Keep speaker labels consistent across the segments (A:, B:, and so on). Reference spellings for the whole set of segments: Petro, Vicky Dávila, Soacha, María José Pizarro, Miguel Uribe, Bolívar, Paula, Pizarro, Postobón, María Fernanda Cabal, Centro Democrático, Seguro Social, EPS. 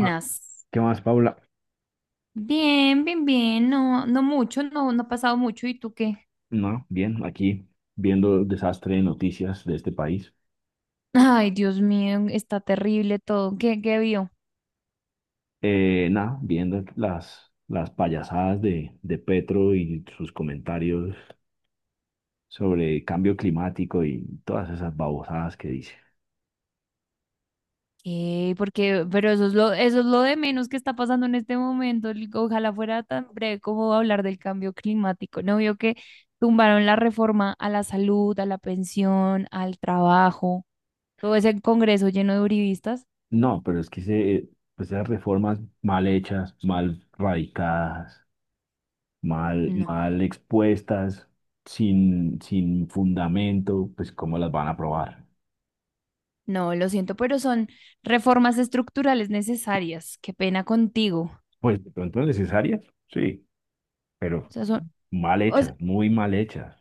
A: Ah, ¿qué más, Paula?
B: Bien, bien, bien. No, no mucho, no, no ha pasado mucho. ¿Y tú qué?
A: No, bien, aquí viendo el desastre de noticias de este país.
B: Ay, Dios mío, está terrible todo. ¿Qué vio?
A: Nada, viendo las payasadas de Petro y sus comentarios sobre cambio climático y todas esas babosadas que dice.
B: ¿Qué? Porque, pero eso es lo de menos que está pasando en este momento. Ojalá fuera tan breve como hablar del cambio climático. ¿No vio que tumbaron la reforma a la salud, a la pensión, al trabajo? Todo ese congreso lleno de uribistas.
A: No, pero es que pues esas reformas mal hechas, mal radicadas,
B: No,
A: mal expuestas, sin fundamento, pues ¿cómo las van a aprobar?
B: no, lo siento, pero son reformas estructurales necesarias. Qué pena contigo.
A: Pues de pronto necesarias, sí, pero mal
B: O s-
A: hechas, muy mal hechas.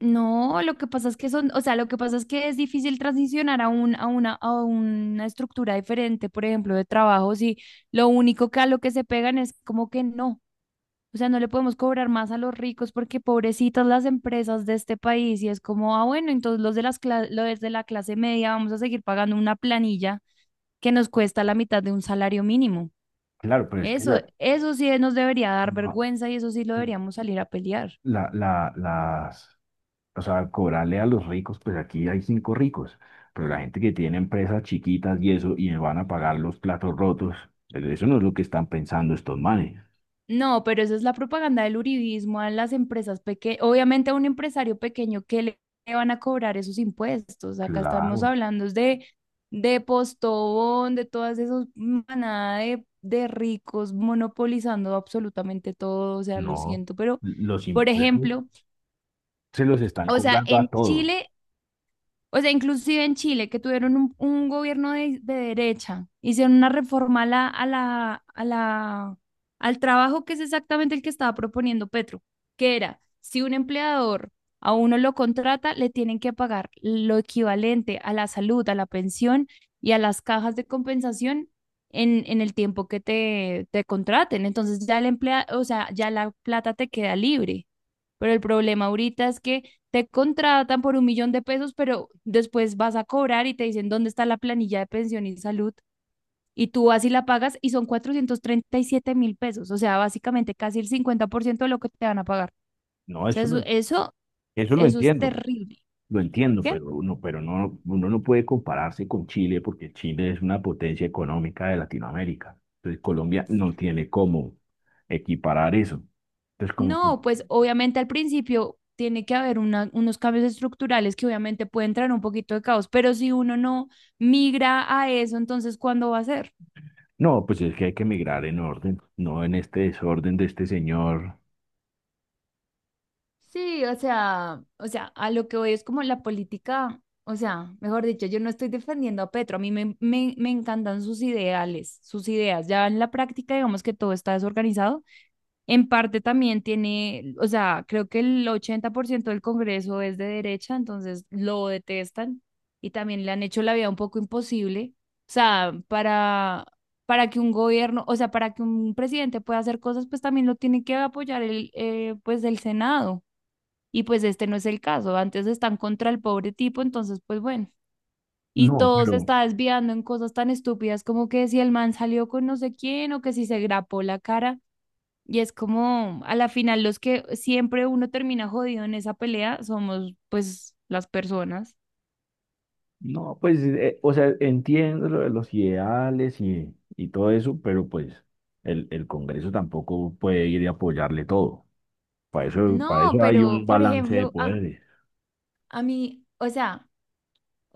B: no, lo que pasa es que son, o sea, lo que pasa es que es difícil transicionar a un, a una estructura diferente, por ejemplo, de trabajo, si lo único que a lo que se pegan es como que no. O sea, no le podemos cobrar más a los ricos porque pobrecitas las empresas de este país y es como, ah, bueno, entonces los de la clase media vamos a seguir pagando una planilla que nos cuesta la mitad de un salario mínimo.
A: Claro, pero es que
B: Eso,
A: claro.
B: eso sí nos debería dar
A: No,
B: vergüenza y eso sí lo deberíamos salir a pelear.
A: las, o sea, cobrarle a los ricos, pues aquí hay cinco ricos, pero la gente que tiene empresas chiquitas y eso, y van a pagar los platos rotos, pues eso no es lo que están pensando estos manes.
B: No, pero eso es la propaganda del uribismo a las empresas pequeñas. Obviamente a un empresario pequeño, ¿que le van a cobrar esos impuestos? Acá estamos
A: Claro,
B: hablando de Postobón, de todas esas manadas de ricos monopolizando absolutamente todo. O sea, lo
A: no,
B: siento, pero,
A: los
B: por
A: impuestos
B: ejemplo,
A: se los están
B: o sea,
A: cobrando
B: en
A: a todos.
B: Chile o sea, inclusive en Chile, que tuvieron un gobierno de derecha, hicieron una reforma al trabajo que es exactamente el que estaba proponiendo Petro, que era, si un empleador a uno lo contrata, le tienen que pagar lo equivalente a la salud, a la pensión y a las cajas de compensación en el tiempo que te contraten. Entonces ya el emplea, o sea, ya la plata te queda libre. Pero el problema ahorita es que te contratan por 1.000.000 de pesos, pero después vas a cobrar y te dicen dónde está la planilla de pensión y salud. Y tú así la pagas y son 437.000 pesos, o sea, básicamente casi el 50% de lo que te van a pagar.
A: No,
B: O sea, eso, eso,
A: eso lo
B: eso es
A: entiendo.
B: terrible.
A: Lo entiendo,
B: ¿Qué?
A: pero uno, pero no, uno no puede compararse con Chile porque Chile es una potencia económica de Latinoamérica. Entonces Colombia no tiene cómo equiparar eso. Entonces como que,
B: No, pues obviamente al principio tiene que haber unos cambios estructurales que obviamente pueden traer un poquito de caos, pero si uno no migra a eso, entonces ¿cuándo va a ser?
A: no, pues es que hay que migrar en orden, no en este desorden de este señor.
B: Sí, o sea, a lo que voy es como la política, o sea, mejor dicho, yo no estoy defendiendo a Petro, a mí me encantan sus ideales, sus ideas, ya en la práctica digamos que todo está desorganizado, en parte también tiene, o sea, creo que el 80% del Congreso es de derecha, entonces lo detestan y también le han hecho la vida un poco imposible, o sea, para que un gobierno, o sea, para que un presidente pueda hacer cosas, pues también lo tiene que apoyar el, pues el Senado. Y pues este no es el caso, antes están contra el pobre tipo, entonces pues bueno. Y
A: No,
B: todo se
A: pero…
B: está desviando en cosas tan estúpidas como que si el man salió con no sé quién o que si se grapó la cara. Y es como, a la final, los que siempre uno termina jodido en esa pelea somos pues las personas.
A: No, pues, o sea, entiendo lo de los ideales y todo eso, pero pues el Congreso tampoco puede ir y apoyarle todo. Para
B: No,
A: eso hay un
B: pero por
A: balance de
B: ejemplo, a,
A: poderes.
B: a mí, o sea,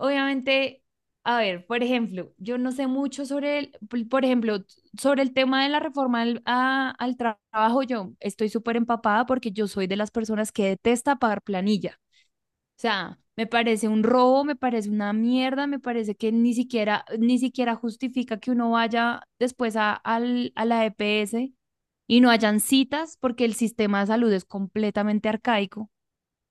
B: obviamente, a ver, por ejemplo, yo no sé mucho sobre el, por ejemplo, sobre el tema de la reforma al trabajo, yo estoy súper empapada porque yo soy de las personas que detesta pagar planilla. O sea, me parece un robo, me parece una mierda, me parece que ni siquiera justifica que uno vaya después a a la EPS y no hayan citas porque el sistema de salud es completamente arcaico.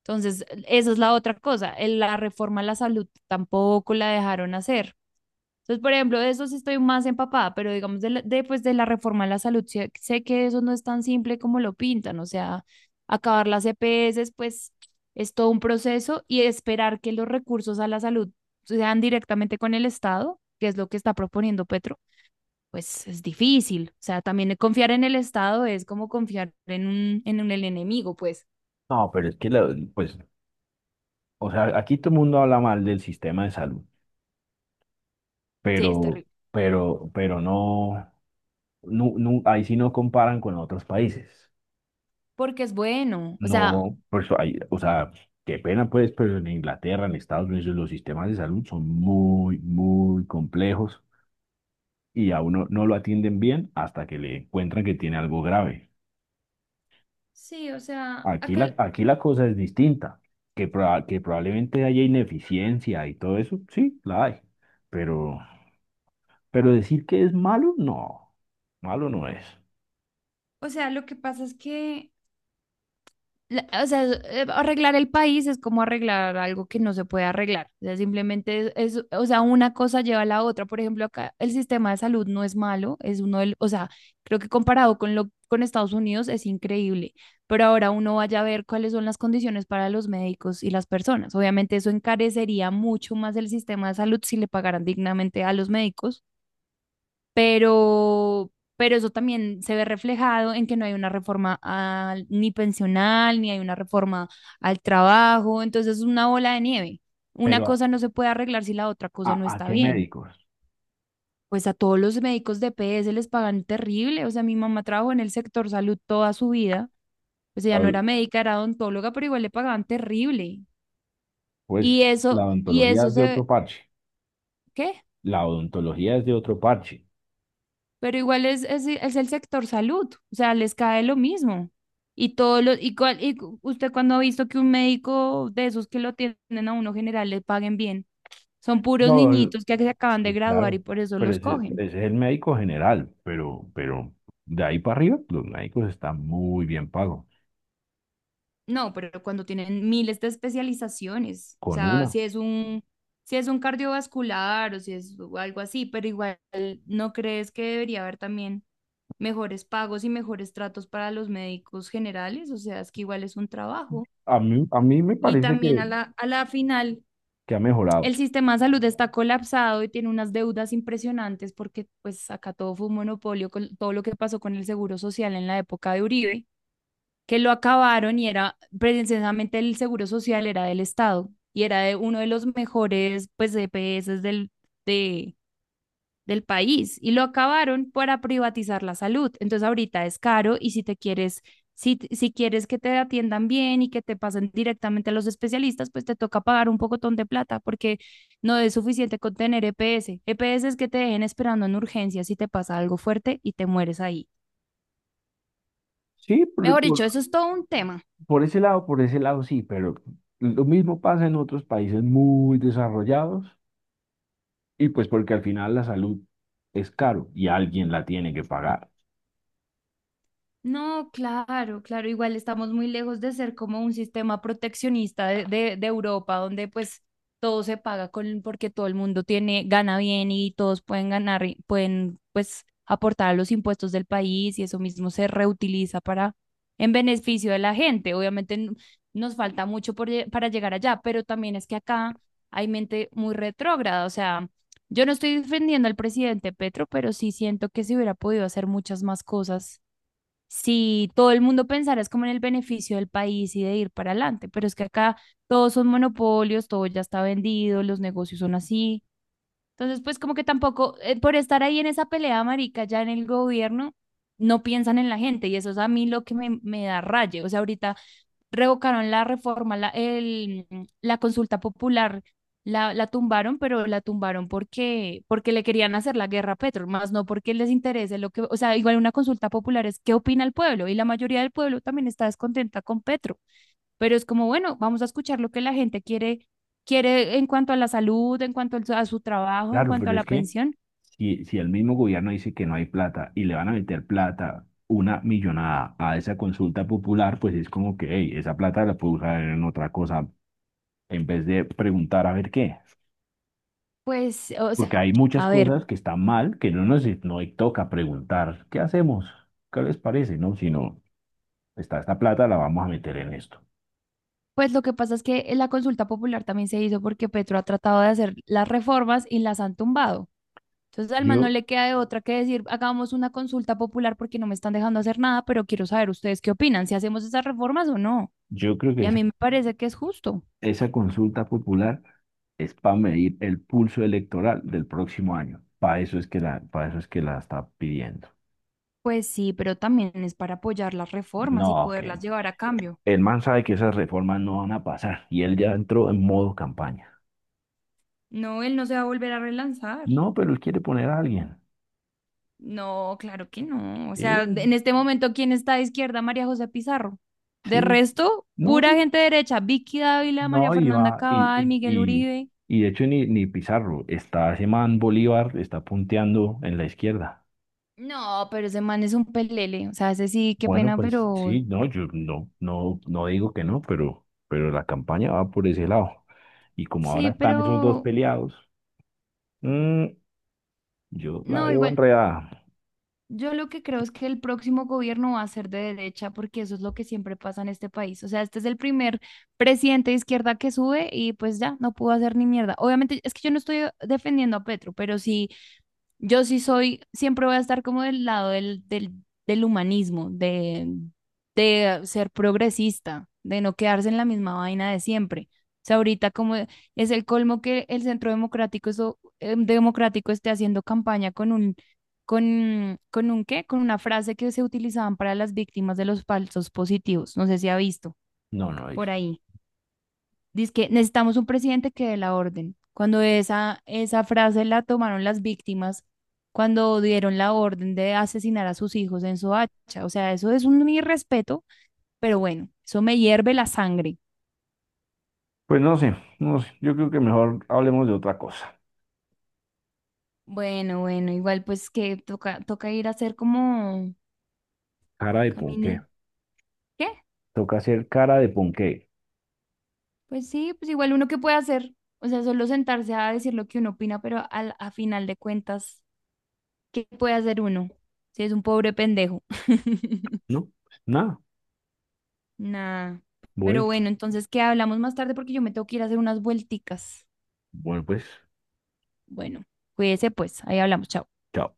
B: Entonces, esa es la otra cosa. La reforma a la salud tampoco la dejaron hacer. Entonces, por ejemplo, de eso sí estoy más empapada, pero digamos, pues, de la reforma a la salud, sé que eso no es tan simple como lo pintan. O sea, acabar las EPS, pues es todo un proceso y esperar que los recursos a la salud sean directamente con el Estado, que es lo que está proponiendo Petro, pues es difícil. O sea, también confiar en el Estado es como confiar en un, el enemigo, pues
A: No, pero es que, pues, o sea, aquí todo el mundo habla mal del sistema de salud,
B: sí, es
A: pero,
B: terrible.
A: pero no, no- ahí sí no comparan con otros países.
B: Porque es bueno, o sea,
A: No, pues, ahí- o sea, qué pena pues, pero en Inglaterra, en Estados Unidos, los sistemas de salud son muy, muy complejos y a uno no lo atienden bien hasta que le encuentran que tiene algo grave.
B: sí, o sea, acá,
A: Aquí la cosa es distinta, que, que probablemente haya ineficiencia y todo eso, sí, la hay, pero… Pero decir que es malo no es.
B: o sea, lo que pasa es que o sea, arreglar el país es como arreglar algo que no se puede arreglar, o sea, simplemente o sea, una cosa lleva a la otra, por ejemplo, acá el sistema de salud no es malo, es uno del, o sea, creo que comparado con Estados Unidos es increíble, pero ahora uno vaya a ver cuáles son las condiciones para los médicos y las personas. Obviamente eso encarecería mucho más el sistema de salud si le pagaran dignamente a los médicos pero, pero eso también se ve reflejado en que no hay una reforma al- ni pensional, ni hay una reforma al trabajo, entonces es una bola de nieve. Una
A: Pero ¿a,
B: cosa no se puede arreglar si la otra cosa no
A: a
B: está
A: qué
B: bien.
A: médicos?
B: Pues a todos los médicos de PS les pagan terrible, o sea, mi mamá trabajó en el sector salud toda su vida, pues ella no
A: Al-
B: era médica, era odontóloga, pero igual le pagaban terrible.
A: pues
B: Y
A: la
B: eso, y
A: odontología
B: eso
A: es de otro
B: se,
A: parche,
B: ¿Qué?
A: la odontología es de otro parche.
B: Pero igual es el sector salud, o sea, les cae lo mismo. Y todo lo, y, cuál- y cu- Usted cuando ha visto que un médico de esos que lo tienen a uno general le paguen bien, son puros
A: No, el-
B: niñitos que se acaban de
A: sí,
B: graduar y
A: claro,
B: por eso
A: pero
B: los
A: ese
B: cogen.
A: es el médico general, pero de ahí para arriba los médicos están muy bien pagos,
B: No, pero cuando tienen miles de especializaciones, o
A: con
B: sea,
A: una.
B: si es un cardiovascular o si es algo así, pero igual, ¿no crees que debería haber también mejores pagos y mejores tratos para los médicos generales? O sea, es que igual es un trabajo.
A: A mí me
B: Y
A: parece
B: también a la final,
A: que ha mejorado.
B: el sistema de salud está colapsado y tiene unas deudas impresionantes porque pues acá todo fue un monopolio con todo lo que pasó con el Seguro Social en la época de Uribe, que lo acabaron y era precisamente el Seguro Social era del Estado y era de uno de los mejores pues EPS de, del país y lo acabaron para privatizar la salud. Entonces ahorita es caro y si te quieres, si quieres que te atiendan bien y que te pasen directamente a los especialistas, pues te toca pagar un pocotón de plata porque no es suficiente con tener EPS. EPS es que te dejen esperando en urgencias si te pasa algo fuerte y te mueres ahí.
A: Sí,
B: Mejor dicho, eso es todo un tema.
A: por ese lado sí, pero lo mismo pasa en otros países muy desarrollados. Y pues porque al final la salud es caro y alguien la tiene que pagar.
B: No, claro, claro, igual estamos muy lejos de ser como un sistema proteccionista de Europa, donde pues todo se paga con, porque todo el mundo tiene, gana bien y todos pueden ganar, y pueden pues aportar a los impuestos del país y eso mismo se reutiliza para, en beneficio de la gente. Obviamente nos falta mucho para llegar allá, pero también es que acá hay mente muy retrógrada, o sea, yo no estoy defendiendo al presidente Petro, pero sí siento que se hubiera podido hacer muchas más cosas si todo el mundo pensara es como en el beneficio del país y de ir para adelante, pero es que acá todos son monopolios, todo ya está vendido, los negocios son así. Entonces, pues como que tampoco, por estar ahí en esa pelea, marica, ya en el gobierno, no piensan en la gente y eso es a mí lo que me da raye. O sea, ahorita revocaron la consulta popular, la tumbaron, pero la tumbaron porque, porque le querían hacer la guerra a Petro, más no porque les interese lo que, o sea, igual una consulta popular es qué opina el pueblo y la mayoría del pueblo también está descontenta con Petro, pero es como, bueno, vamos a escuchar lo que la gente quiere, quiere en cuanto a la salud, en cuanto a su trabajo, en
A: Claro,
B: cuanto a
A: pero
B: la
A: es que
B: pensión,
A: si, si el mismo gobierno dice que no hay plata y le van a meter plata, una millonada a esa consulta popular, pues es como que hey, esa plata la puedo usar en otra cosa en vez de preguntar a ver qué.
B: pues, o sea,
A: Porque hay muchas
B: a ver,
A: cosas que están mal que no nos no toca preguntar, ¿qué hacemos? ¿Qué les parece? No, sino está esta plata, la vamos a meter en esto.
B: pues lo que pasa es que la consulta popular también se hizo porque Petro ha tratado de hacer las reformas y las han tumbado. Entonces al man no
A: Yo,
B: le queda de otra que decir, hagamos una consulta popular porque no me están dejando hacer nada, pero quiero saber ustedes qué opinan, si hacemos esas reformas o no.
A: yo creo que
B: Y a
A: es…
B: mí me parece que es justo.
A: Esa consulta popular es para medir el pulso electoral del próximo año. Para eso es que la está pidiendo.
B: Pues sí, pero también es para apoyar las reformas
A: No,
B: y poderlas
A: que
B: llevar a cambio.
A: el man sabe que esas reformas no van a pasar y él ya entró en modo campaña.
B: No, él no se va a volver a relanzar.
A: No, pero él quiere poner a alguien.
B: No, claro que no. O sea,
A: Sí,
B: en este momento, ¿quién está de izquierda? María José Pizarro. De
A: sí.
B: resto,
A: No,
B: pura
A: y-
B: gente derecha. Vicky Dávila, María
A: no, y
B: Fernanda
A: va,
B: Cabal, Miguel
A: y,
B: Uribe.
A: y de hecho ni Pizarro, está ese man Bolívar, está punteando en la izquierda.
B: No, pero ese man es un pelele. O sea, ese sí, qué
A: Bueno,
B: pena,
A: pues
B: pero
A: sí, no, no digo que no, pero la campaña va por ese lado. Y como
B: sí,
A: ahora están esos dos
B: pero
A: peleados, mm, yo la
B: no,
A: veo
B: igual.
A: enredada.
B: Yo lo que creo es que el próximo gobierno va a ser de derecha porque eso es lo que siempre pasa en este país. O sea, este es el primer presidente de izquierda que sube y pues ya no pudo hacer ni mierda. Obviamente es que yo no estoy defendiendo a Petro, pero sí, yo sí soy, siempre voy a estar como del lado del, del humanismo, de ser progresista, de no quedarse en la misma vaina de siempre. O sea, ahorita como es el colmo que el Centro Democrático, eso, Democrático esté haciendo campaña con un qué, con una frase que se utilizaban para las víctimas de los falsos positivos. No sé si ha visto
A: No, no es.
B: por ahí. Dice que necesitamos un presidente que dé la orden. Cuando esa frase la tomaron las víctimas, cuando dieron la orden de asesinar a sus hijos en Soacha. O sea, eso es un irrespeto, pero bueno, eso me hierve la sangre.
A: Pues no sé, no sé. Yo creo que mejor hablemos de otra cosa.
B: Bueno, bueno, igual pues que toca, toca ir a hacer como
A: Cara de ponqué.
B: camine. ¿Qué?
A: Toca hacer cara de ponqué.
B: Pues sí, pues igual uno que puede hacer, o sea, solo sentarse a decir lo que uno opina, pero al, a final de cuentas, ¿qué puede hacer uno? Si es un pobre pendejo.
A: No, pues nada.
B: Nada.
A: Bueno,
B: Pero bueno, entonces, ¿qué hablamos más tarde? Porque yo me tengo que ir a hacer unas vuelticas.
A: bueno, pues,
B: Bueno, cuídese pues, ahí hablamos, chao.
A: chao.